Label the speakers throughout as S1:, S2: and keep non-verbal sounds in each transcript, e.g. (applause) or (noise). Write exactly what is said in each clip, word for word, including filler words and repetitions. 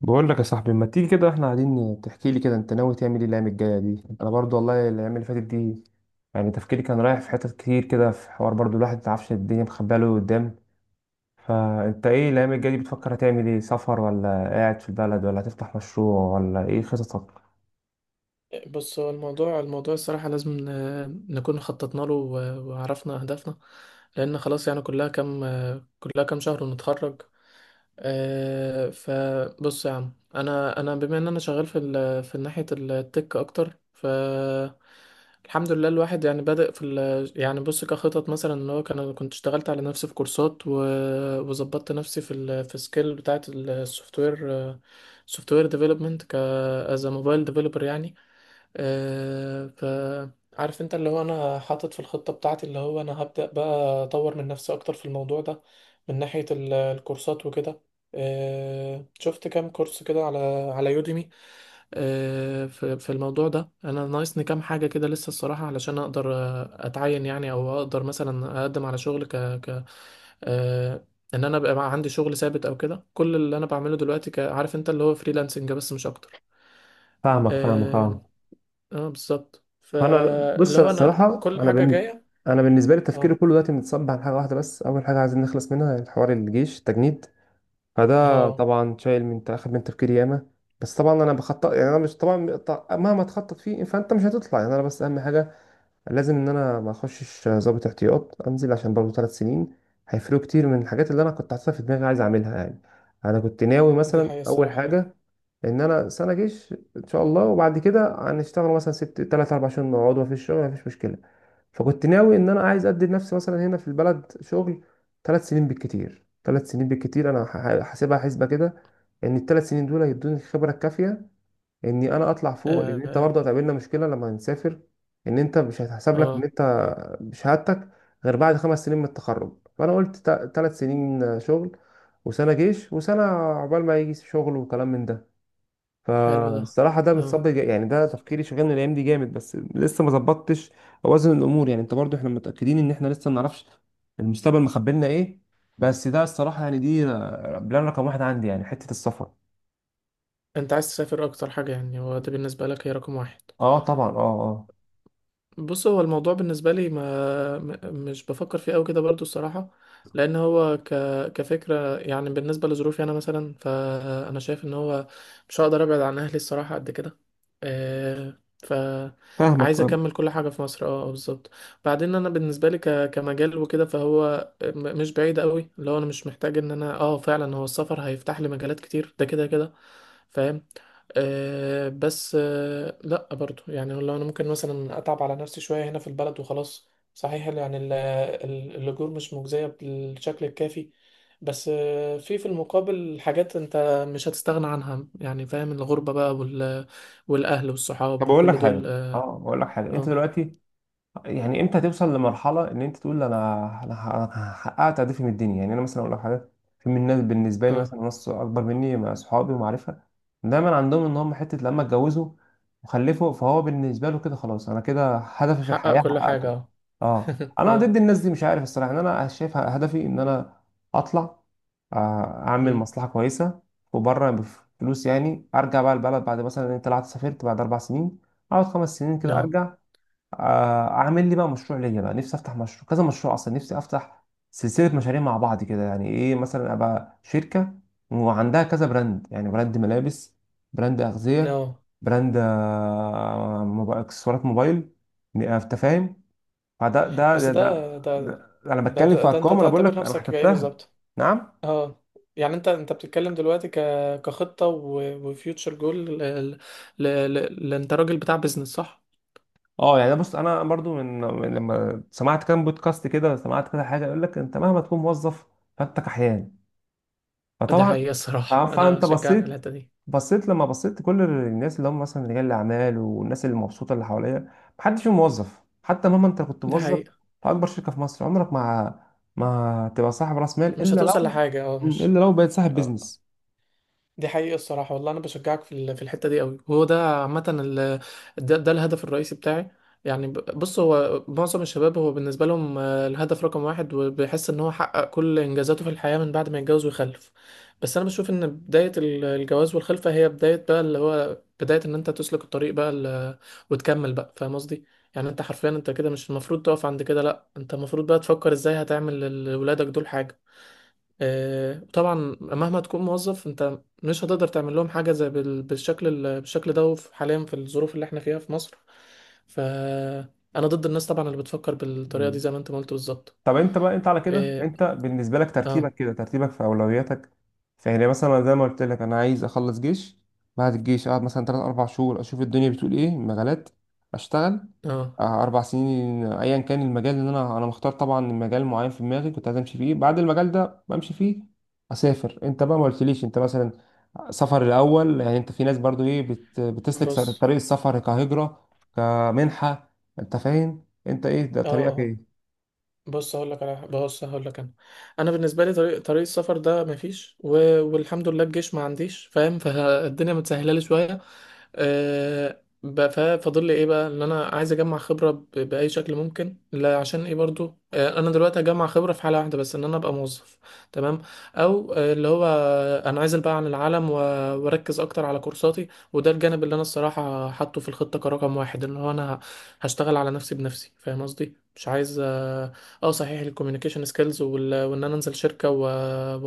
S1: بقول لك يا صاحبي، ما تيجي كده؟ احنا قاعدين تحكي لي كده، انت ناوي تعمل ايه الايام الجايه دي؟ انا برضو والله الايام اللي فاتت دي يعني تفكيري كان رايح في حتت كتير كده، في حوار برضو الواحد ما يعرفش الدنيا مخبيه له قدام. فانت ايه الايام الجايه دي؟ بتفكر هتعمل ايه؟ سفر ولا قاعد في البلد ولا هتفتح مشروع ولا ايه خططك؟
S2: بص هو الموضوع الموضوع الصراحة لازم ن- نكون خططنا له و- وعرفنا أهدافنا. لأن خلاص يعني كلها كام كلها كام شهر ونتخرج. آه، فبص يا عم أنا أنا بما إن أنا شغال في ال- في ناحية التك أكتر. ف الحمد لله الواحد يعني بادئ في ال... يعني بص كخطط مثلا ان هو كان انا كنت اشتغلت على نفسي في كورسات و... وظبطت نفسي في ال... في سكيل بتاعت السوفت وير، سوفت وير ديفلوبمنت ك از موبايل ديفلوبر يعني. أه ف عارف انت اللي هو انا حاطط في الخطة بتاعتي اللي هو انا هبدأ بقى اطور من نفسي اكتر في الموضوع ده، من ناحية ال- الكورسات وكده. أه شفت كام كورس كده على على يوديمي. أه في في الموضوع ده انا ناقصني كام حاجة كده لسه الصراحة علشان اقدر آه، اتعين يعني او اقدر مثلا اقدم على شغل ك ك أه ان انا بقى عندي شغل ثابت او كده، كل اللي انا بعمله دلوقتي ك- عارف انت اللي هو فريلانسنج بس مش اكتر.
S1: فاهمك فاهمك،
S2: آه،
S1: اه.
S2: اه بالظبط،
S1: فانا بص،
S2: فاللي
S1: انا
S2: هو انا
S1: الصراحه
S2: كل
S1: انا
S2: حاجة
S1: بالن...
S2: جاية.
S1: انا بالنسبه لي تفكيري
S2: اه،
S1: كله دلوقتي متصب على حاجه واحده بس. اول حاجه عايزين نخلص منها الحوار، الجيش، التجنيد. فده
S2: اه
S1: طبعا شايل من اخد من تفكيري ياما. بس طبعا انا بخطط، يعني انا مش طبعا ط- مهما تخطط فيه فانت مش هتطلع. يعني انا بس اهم حاجه لازم ان انا ما اخشش ضابط احتياط، انزل عشان برضه ثلاث سنين هيفرقوا كتير من الحاجات اللي انا كنت حاططها في دماغي عايز اعملها يعني. انا كنت ناوي
S2: دي
S1: مثلا
S2: حقيقة
S1: اول
S2: الصراحة.
S1: حاجه ان انا سنه جيش ان شاء الله، وبعد كده هنشتغل مثلا ست تلات اربع شهور، نقعد مفيش شغل مفيش مشكله. فكنت ناوي ان انا عايز ادي لنفسي مثلا هنا في البلد شغل ثلاث سنين بالكتير، ثلاث سنين بالكتير انا ح- حاسبها حسبه كده. ان الثلاث سنين دول هيدوني الخبره الكافيه اني انا اطلع فوق، لان انت
S2: اه،
S1: برضه هتقابلنا مشكله لما نسافر. ان انت مش هتحسب لك ان
S2: اه
S1: انت بشهادتك غير بعد خمس سنين من التخرج. فانا قلت ثلاث سنين شغل وسنه جيش وسنه عقبال ما يجي شغل وكلام من ده.
S2: حلو ده.
S1: فالصراحة ده
S2: اه
S1: بتصب، يعني ده تفكيري، شغلني الأيام دي جامد بس لسه ما ظبطتش أوازن الأمور يعني. أنت برضو إحنا متأكدين إن إحنا لسه ما نعرفش المستقبل مخبلنا إيه. بس ده الصراحة يعني دي بلان رقم واحد عندي، يعني حتة السفر.
S2: انت عايز تسافر اكتر حاجة يعني هو ده بالنسبة لك هي رقم واحد؟
S1: أه طبعا، أه أه.
S2: بص هو الموضوع بالنسبة لي ما م- مش بفكر فيه أوي كده برضو الصراحة. لأن هو ك... كفكرة يعني بالنسبة لظروفي أنا مثلا، فأنا شايف إن هو مش هقدر أبعد عن أهلي الصراحة قد كده. آه،
S1: فاهمك
S2: فعايز
S1: فاهم.
S2: أكمل كل حاجة في مصر. اه آه، بالظبط. بعدين أنا بالنسبة لي ك... كمجال وكده فهو م- مش بعيد أوي، اللي هو أنا مش محتاج إن أنا اه فعلا هو السفر هيفتح لي مجالات كتير ده كده كده، فاهم. آه بس آه لا برضو يعني لو انا ممكن مثلا اتعب على نفسي شويه هنا في البلد وخلاص. صحيح يعني ال- ال- الاجور مش مجزيه بالشكل الكافي، بس آه في في المقابل حاجات انت مش هتستغنى عنها يعني، فاهم، الغربه بقى وال والاهل والصحاب
S1: طب أقول لك
S2: وكل
S1: حاجة،
S2: دول.
S1: أه
S2: اه،
S1: أقول لك حاجة أنت
S2: اه
S1: دلوقتي يعني امتى توصل لمرحله ان انت تقول انا انا ح- أنا حققت هدفي من الدنيا؟ يعني انا مثلا اقول لك حاجه، في من الناس بالنسبه لي
S2: آه.
S1: مثلا ناس اكبر مني مع اصحابي ومعرفه دايما عندهم ان هم حته لما اتجوزوا وخلفوا فهو بالنسبه له كده خلاص، انا كده هدفي في
S2: حقق
S1: الحياه
S2: كل حاجه
S1: حققته.
S2: اه.
S1: اه،
S2: (laughs)
S1: انا ضد
S2: اه
S1: الناس دي مش عارف الصراحه، ان انا شايف هدفي ان انا اطلع، آه، اعمل
S2: أمم.
S1: مصلحه كويسه وبره بفلوس، يعني ارجع بقى البلد بعد مثلا انت طلعت سافرت بعد اربع سنين، اقعد خمس سنين كده
S2: اه،
S1: ارجع. آه، اعمل لي بقى مشروع ليا، بقى نفسي افتح مشروع، كذا مشروع اصلا نفسي افتح، سلسله مشاريع مع بعض كده. يعني ايه، مثلا ابقى شركه وعندها كذا براند، يعني براند ملابس، براند اغذيه،
S2: اه
S1: براند آه، موب- اكسسوارات موبايل، ن- آه، انت فاهم. فده ده
S2: بس
S1: ده,
S2: ده
S1: ده,
S2: ده
S1: ده انا
S2: ده
S1: بتكلم
S2: ده,
S1: في
S2: ده انت
S1: ارقام، انا بقول
S2: تعتبر
S1: لك انا
S2: نفسك ايه
S1: حسبتها.
S2: بالظبط؟
S1: نعم.
S2: اه يعني انت انت بتتكلم دلوقتي ك كخطة وفيوتشر جول ل... ل... ل... ل... انت راجل بتاع بيزنس صح؟
S1: اه يعني بص، انا برضو من من لما سمعت كام بودكاست كده، سمعت كده حاجه يقول لك انت مهما تكون موظف فانت كحيان.
S2: دي
S1: فطبعا
S2: حقيقة
S1: ف-
S2: الصراحة انا
S1: فانت
S2: بشجعك في
S1: بصيت،
S2: الحتة دي.
S1: بصيت لما بصيت كل الناس اللي هم مثلا رجال الاعمال والناس اللي مبسوطه اللي حواليا، محدش فيهم موظف. حتى مهما انت كنت
S2: دي
S1: موظف
S2: حقيقة،
S1: في اكبر شركه في مصر، عمرك ما ما تبقى صاحب راس مال
S2: مش
S1: الا
S2: هتوصل
S1: لو
S2: لحاجة اه
S1: مم.
S2: مش.
S1: الا لو بقيت صاحب
S2: اه
S1: بيزنس.
S2: دي حقيقة الصراحة والله، أنا بشجعك في ال- في الحتة دي قوي، وهو ده عامة ال- ده, ده الهدف الرئيسي بتاعي. يعني ب- بص هو معظم الشباب هو بالنسبة لهم، آه، الهدف رقم واحد، وبيحس إن هو حقق كل إنجازاته في الحياة من بعد ما يتجوز ويخلف. بس أنا بشوف إن بداية ال- الجواز والخلفة هي بداية بقى اللي هو بداية إن أنت تسلك الطريق بقى ال- وتكمل بقى، فاهم قصدي؟ يعني أنت حرفيا أنت كده مش المفروض تقف عند كده، لأ أنت المفروض بقى تفكر إزاي هتعمل لولادك دول حاجة. آه، طبعا. مهما تكون موظف انت مش هتقدر تعمل لهم حاجه زي بال- بالشكل ال- بالشكل ده. وف- حاليا في الظروف اللي احنا فيها في مصر، فانا ضد الناس طبعا اللي بتفكر بالطريقه دي
S1: مم.
S2: زي ما انت ما قلت بالظبط.
S1: طب انت بقى، انت على كده
S2: اه،
S1: انت بالنسبه لك ترتيبك
S2: اه
S1: كده، ترتيبك في اولوياتك؟ فهنا مثلا زي ما قلت لك، انا عايز اخلص جيش. بعد الجيش اقعد مثلا تلات اربع شهور اشوف الدنيا بتقول ايه مجالات. اشتغل
S2: آه،
S1: اه، اربع سنين ايا كان المجال اللي انا انا مختار. طبعا المجال معين في دماغي كنت عايز امشي فيه، بعد المجال ده بمشي فيه، اسافر. انت بقى ما قلتليش انت مثلا سفر الاول؟ يعني انت في ناس برضو ايه بت... بتسلك س-
S2: بص.
S1: طريق السفر كهجره، كمنحه. انت فاهم، انت ايه ده
S2: اه
S1: طريقك
S2: آه.
S1: ايه؟
S2: بص هقول لك على بص هقول لك انا. انا بالنسبه لي طريق طريق السفر ده مفيش و... والحمد لله الجيش ما عنديش، فاهم، فالدنيا متسهله لي شويه. أه... ب- ف- فاضل لي ايه بقى ان انا عايز اجمع خبره ب... باي شكل ممكن. لا عشان ايه برضو أه انا دلوقتي هجمع خبره في حاله واحده بس، ان انا ابقى موظف، تمام. او آه، اللي هو آه، انا عايز ابعد عن العالم و... واركز اكتر على كورساتي. وده الجانب اللي انا الصراحه حاطه في الخطه كرقم واحد، ان هو انا هشتغل على نفسي بنفسي، فاهم قصدي، مش عايز. اه صحيح الكوميونيكيشن سكيلز، وان انا انزل شركه و-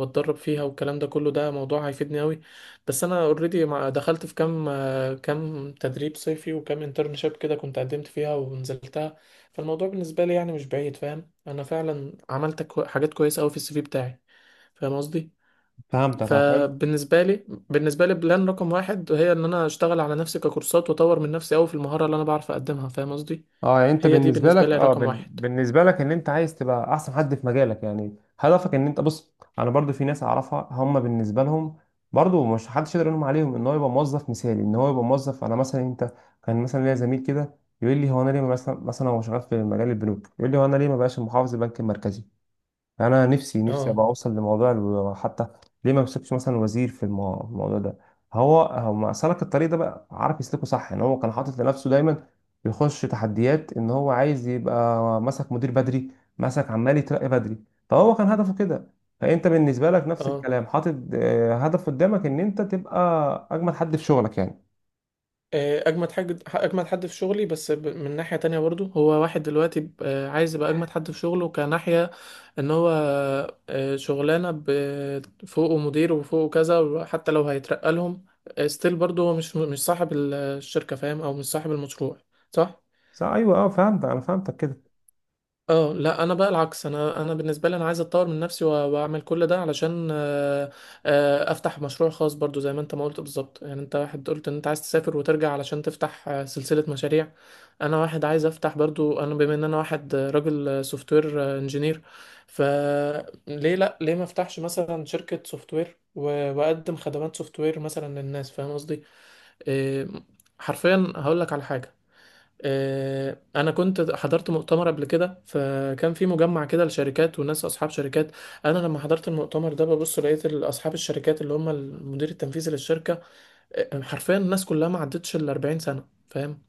S2: واتدرب فيها والكلام ده كله، ده موضوع هيفيدني قوي. بس انا اوريدي دخلت في كام آه، كام تدريب صيفي وكام انترنشيب كده كنت قدمت فيها ونزلتها. فالموضوع بالنسبه لي يعني مش بعيد، فاهم، انا فعلا عملت كو- حاجات كويسه قوي في السي في بتاعي، فاهم قصدي.
S1: فهمتك، اه.
S2: فبالنسبه لي بالنسبه لي بلان رقم واحد هي ان انا اشتغل على نفسي ككورسات، واطور من نفسي قوي في المهاره اللي انا بعرف اقدمها، فاهم قصدي،
S1: اه يعني انت
S2: هي دي
S1: بالنسبه لك،
S2: بالنسبه لي
S1: اه
S2: رقم
S1: بن...
S2: واحد.
S1: بالنسبه لك ان انت عايز تبقى احسن حد في مجالك يعني، هدفك ان انت بص. انا برضو في ناس اعرفها هم بالنسبه لهم برضو مش حدش يقدر يلوم عليهم ان هو يبقى موظف مثالي، ان هو يبقى موظف. انا مثلا انت، كان مثلا ليا زميل كده يقول لي هو انا ليه ما مثلا، مثلا هو شغال في مجال البنوك، يقول لي هو انا ليه ما بقاش محافظ البنك المركزي؟ انا نفسي، نفسي
S2: اه،
S1: ابقى اوصل لموضوع الو- حتى ليه ما مسكش مثلا وزير في المو- الموضوع ده. هو هو ما سلك الطريق ده بقى، عارف يسلكه صح، ان هو كان حاطط لنفسه دايما يخش تحديات. ان هو عايز يبقى مسك مدير بدري، مسك عمال يترقى بدري، فهو كان هدفه كده. فانت بالنسبه لك نفس
S2: اه
S1: الكلام، حاطط آه، هدف قدامك ان انت تبقى اجمل حد في شغلك يعني.
S2: آه، اجمد حاجه اجمد حد في شغلي. بس ب- من ناحيه تانية برضو هو واحد دلوقتي ب- آه، عايز يبقى اجمد حد في شغله كناحيه، ان هو آه، شغلانه ب- فوقه مدير وفوقه كذا، وحتى لو هيترقى لهم ستيل برضو هو مش مش صاحب ال- الشركه فاهم، او مش صاحب المشروع، صح.
S1: صح ايوه اه، فهمت انا فهمتك كده.
S2: اه لا انا بقى العكس، انا انا بالنسبه لي انا عايز اتطور من نفسي وأ- واعمل كل ده علشان آه، آه، افتح مشروع خاص برضو زي ما انت ما قلت بالظبط، يعني انت واحد قلت ان انت عايز تسافر وترجع علشان تفتح آه، سلسله مشاريع. انا واحد عايز افتح برضو، انا بما ان انا واحد آه، راجل سوفت وير انجينير، فليه لا، ليه ما افتحش مثلا شركه سوفت وير واقدم خدمات سوفت وير مثلا للناس، فاهم قصدي. إيه، حرفيا هقول لك على حاجه، آه، انا كنت حضرت مؤتمر قبل كده، فكان في مجمع كده لشركات وناس اصحاب شركات. انا لما حضرت المؤتمر ده ببص لقيت ال- اصحاب الشركات اللي هم المدير التنفيذي للشركه، آه، حرفيا الناس كلها ما عدتش ال الأربعين سنه، فاهم.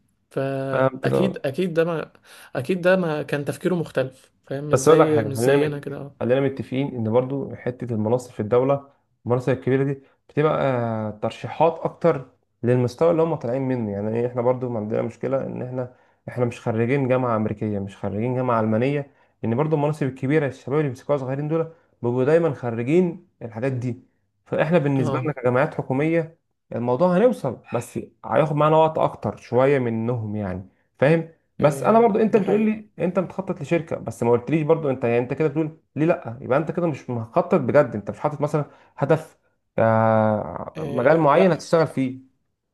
S1: فهمتك،
S2: فاكيد
S1: اه.
S2: اكيد ده ما اكيد ده ما كان تفكيره مختلف، فاهم، مش
S1: بس اقول لك
S2: زي
S1: حاجه،
S2: مش
S1: خلينا
S2: زينا
S1: مت...
S2: كده.
S1: خلينا متفقين ان برضو حته المناصب في الدوله، المناصب الكبيره دي، بتبقى آه، ترشيحات اكتر للمستوى اللي هم طالعين منه. يعني إيه، احنا برضو ما عندنا مشكله، ان احنا احنا مش خريجين جامعه امريكيه، مش خريجين جامعه المانيه. لان برضو المناصب الكبيره الشباب اللي بيمسكوها صغيرين دول بيبقوا دايما خريجين الحاجات دي. فاحنا بالنسبه لنا
S2: اه
S1: كجامعات حكوميه، الموضوع هنوصل بس هياخد معانا وقت اكتر شويه منهم يعني، فاهم. بس انا
S2: آه،
S1: برضو انت
S2: دي
S1: بتقول
S2: حقيقه.
S1: لي انت بتخطط لشركه، بس ما قلتليش برضو انت يعني انت كده بتقول ليه لا، يبقى انت كده مش مخطط بجد، انت مش حاطط مثلا هدف، آه، مجال
S2: آه،
S1: معين
S2: لا
S1: هتشتغل فيه.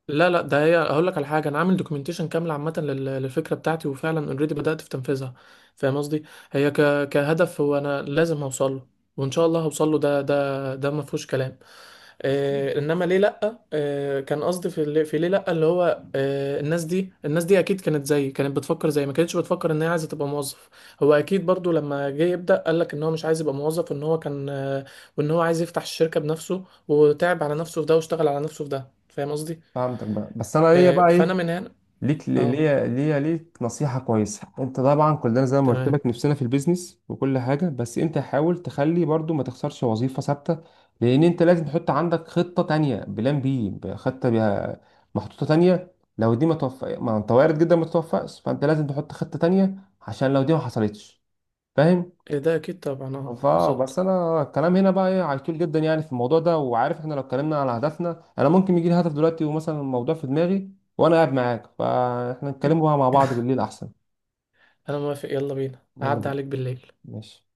S2: لا لا ده، هي هقول لك على حاجه، انا عامل دوكيومنتيشن كامله عامه لل- للفكره بتاعتي وفعلا اوريدي بدات في تنفيذها، فاهم قصدي. هي ك... كهدف هو انا لازم هوصل له، وان شاء الله هوصل له، ده ده ده ما فيهوش كلام. آه انما ليه لا، آه كان قصدي في اللي... في ليه لا، اللي هو آه الناس دي الناس دي اكيد كانت زيي، كانت بتفكر زيي، ما كانتش بتفكر ان هي عايزه تبقى موظف. هو اكيد برضو لما جه يبدا قال لك ان هو مش عايز يبقى موظف، ان هو كان آه وان هو عايز يفتح الشركه بنفسه، وتعب على نفسه في ده، واشتغل على نفسه في ده، فاهم قصدي.
S1: فهمتك بقى، بس انا ليا
S2: آه،
S1: بقى ايه؟
S2: فانا من هنا.
S1: ليك
S2: اه
S1: ليا ليا ليك نصيحة كويسة. انت طبعا كلنا زي ما قلت
S2: تمام.
S1: لك نفسنا في البيزنس وكل حاجة، بس انت حاول تخلي برضو ما تخسرش وظيفة ثابتة. لان انت لازم تحط عندك خطة تانية، بلان بي، خطة بيها محطوطة تانية لو دي ما توفق. ما انت وارد جدا ما تتوفقش، فانت لازم تحط خطة تانية عشان لو دي ما حصلتش، فاهم.
S2: إيه ده اكيد طبعا اه
S1: فا بس
S2: بالظبط.
S1: انا الكلام هنا بقى ايه هيطول جدا يعني في الموضوع ده، وعارف احنا لو اتكلمنا على هدفنا انا ممكن يجي لي هدف دلوقتي ومثلا الموضوع في دماغي وانا قاعد معاك، فاحنا
S2: إن-
S1: نتكلموا بقى مع بعض
S2: (laughs)
S1: بالليل احسن.
S2: انا موافق يلا بينا
S1: يلا
S2: اعدي
S1: بينا.
S2: عليك بالليل.
S1: ماشي.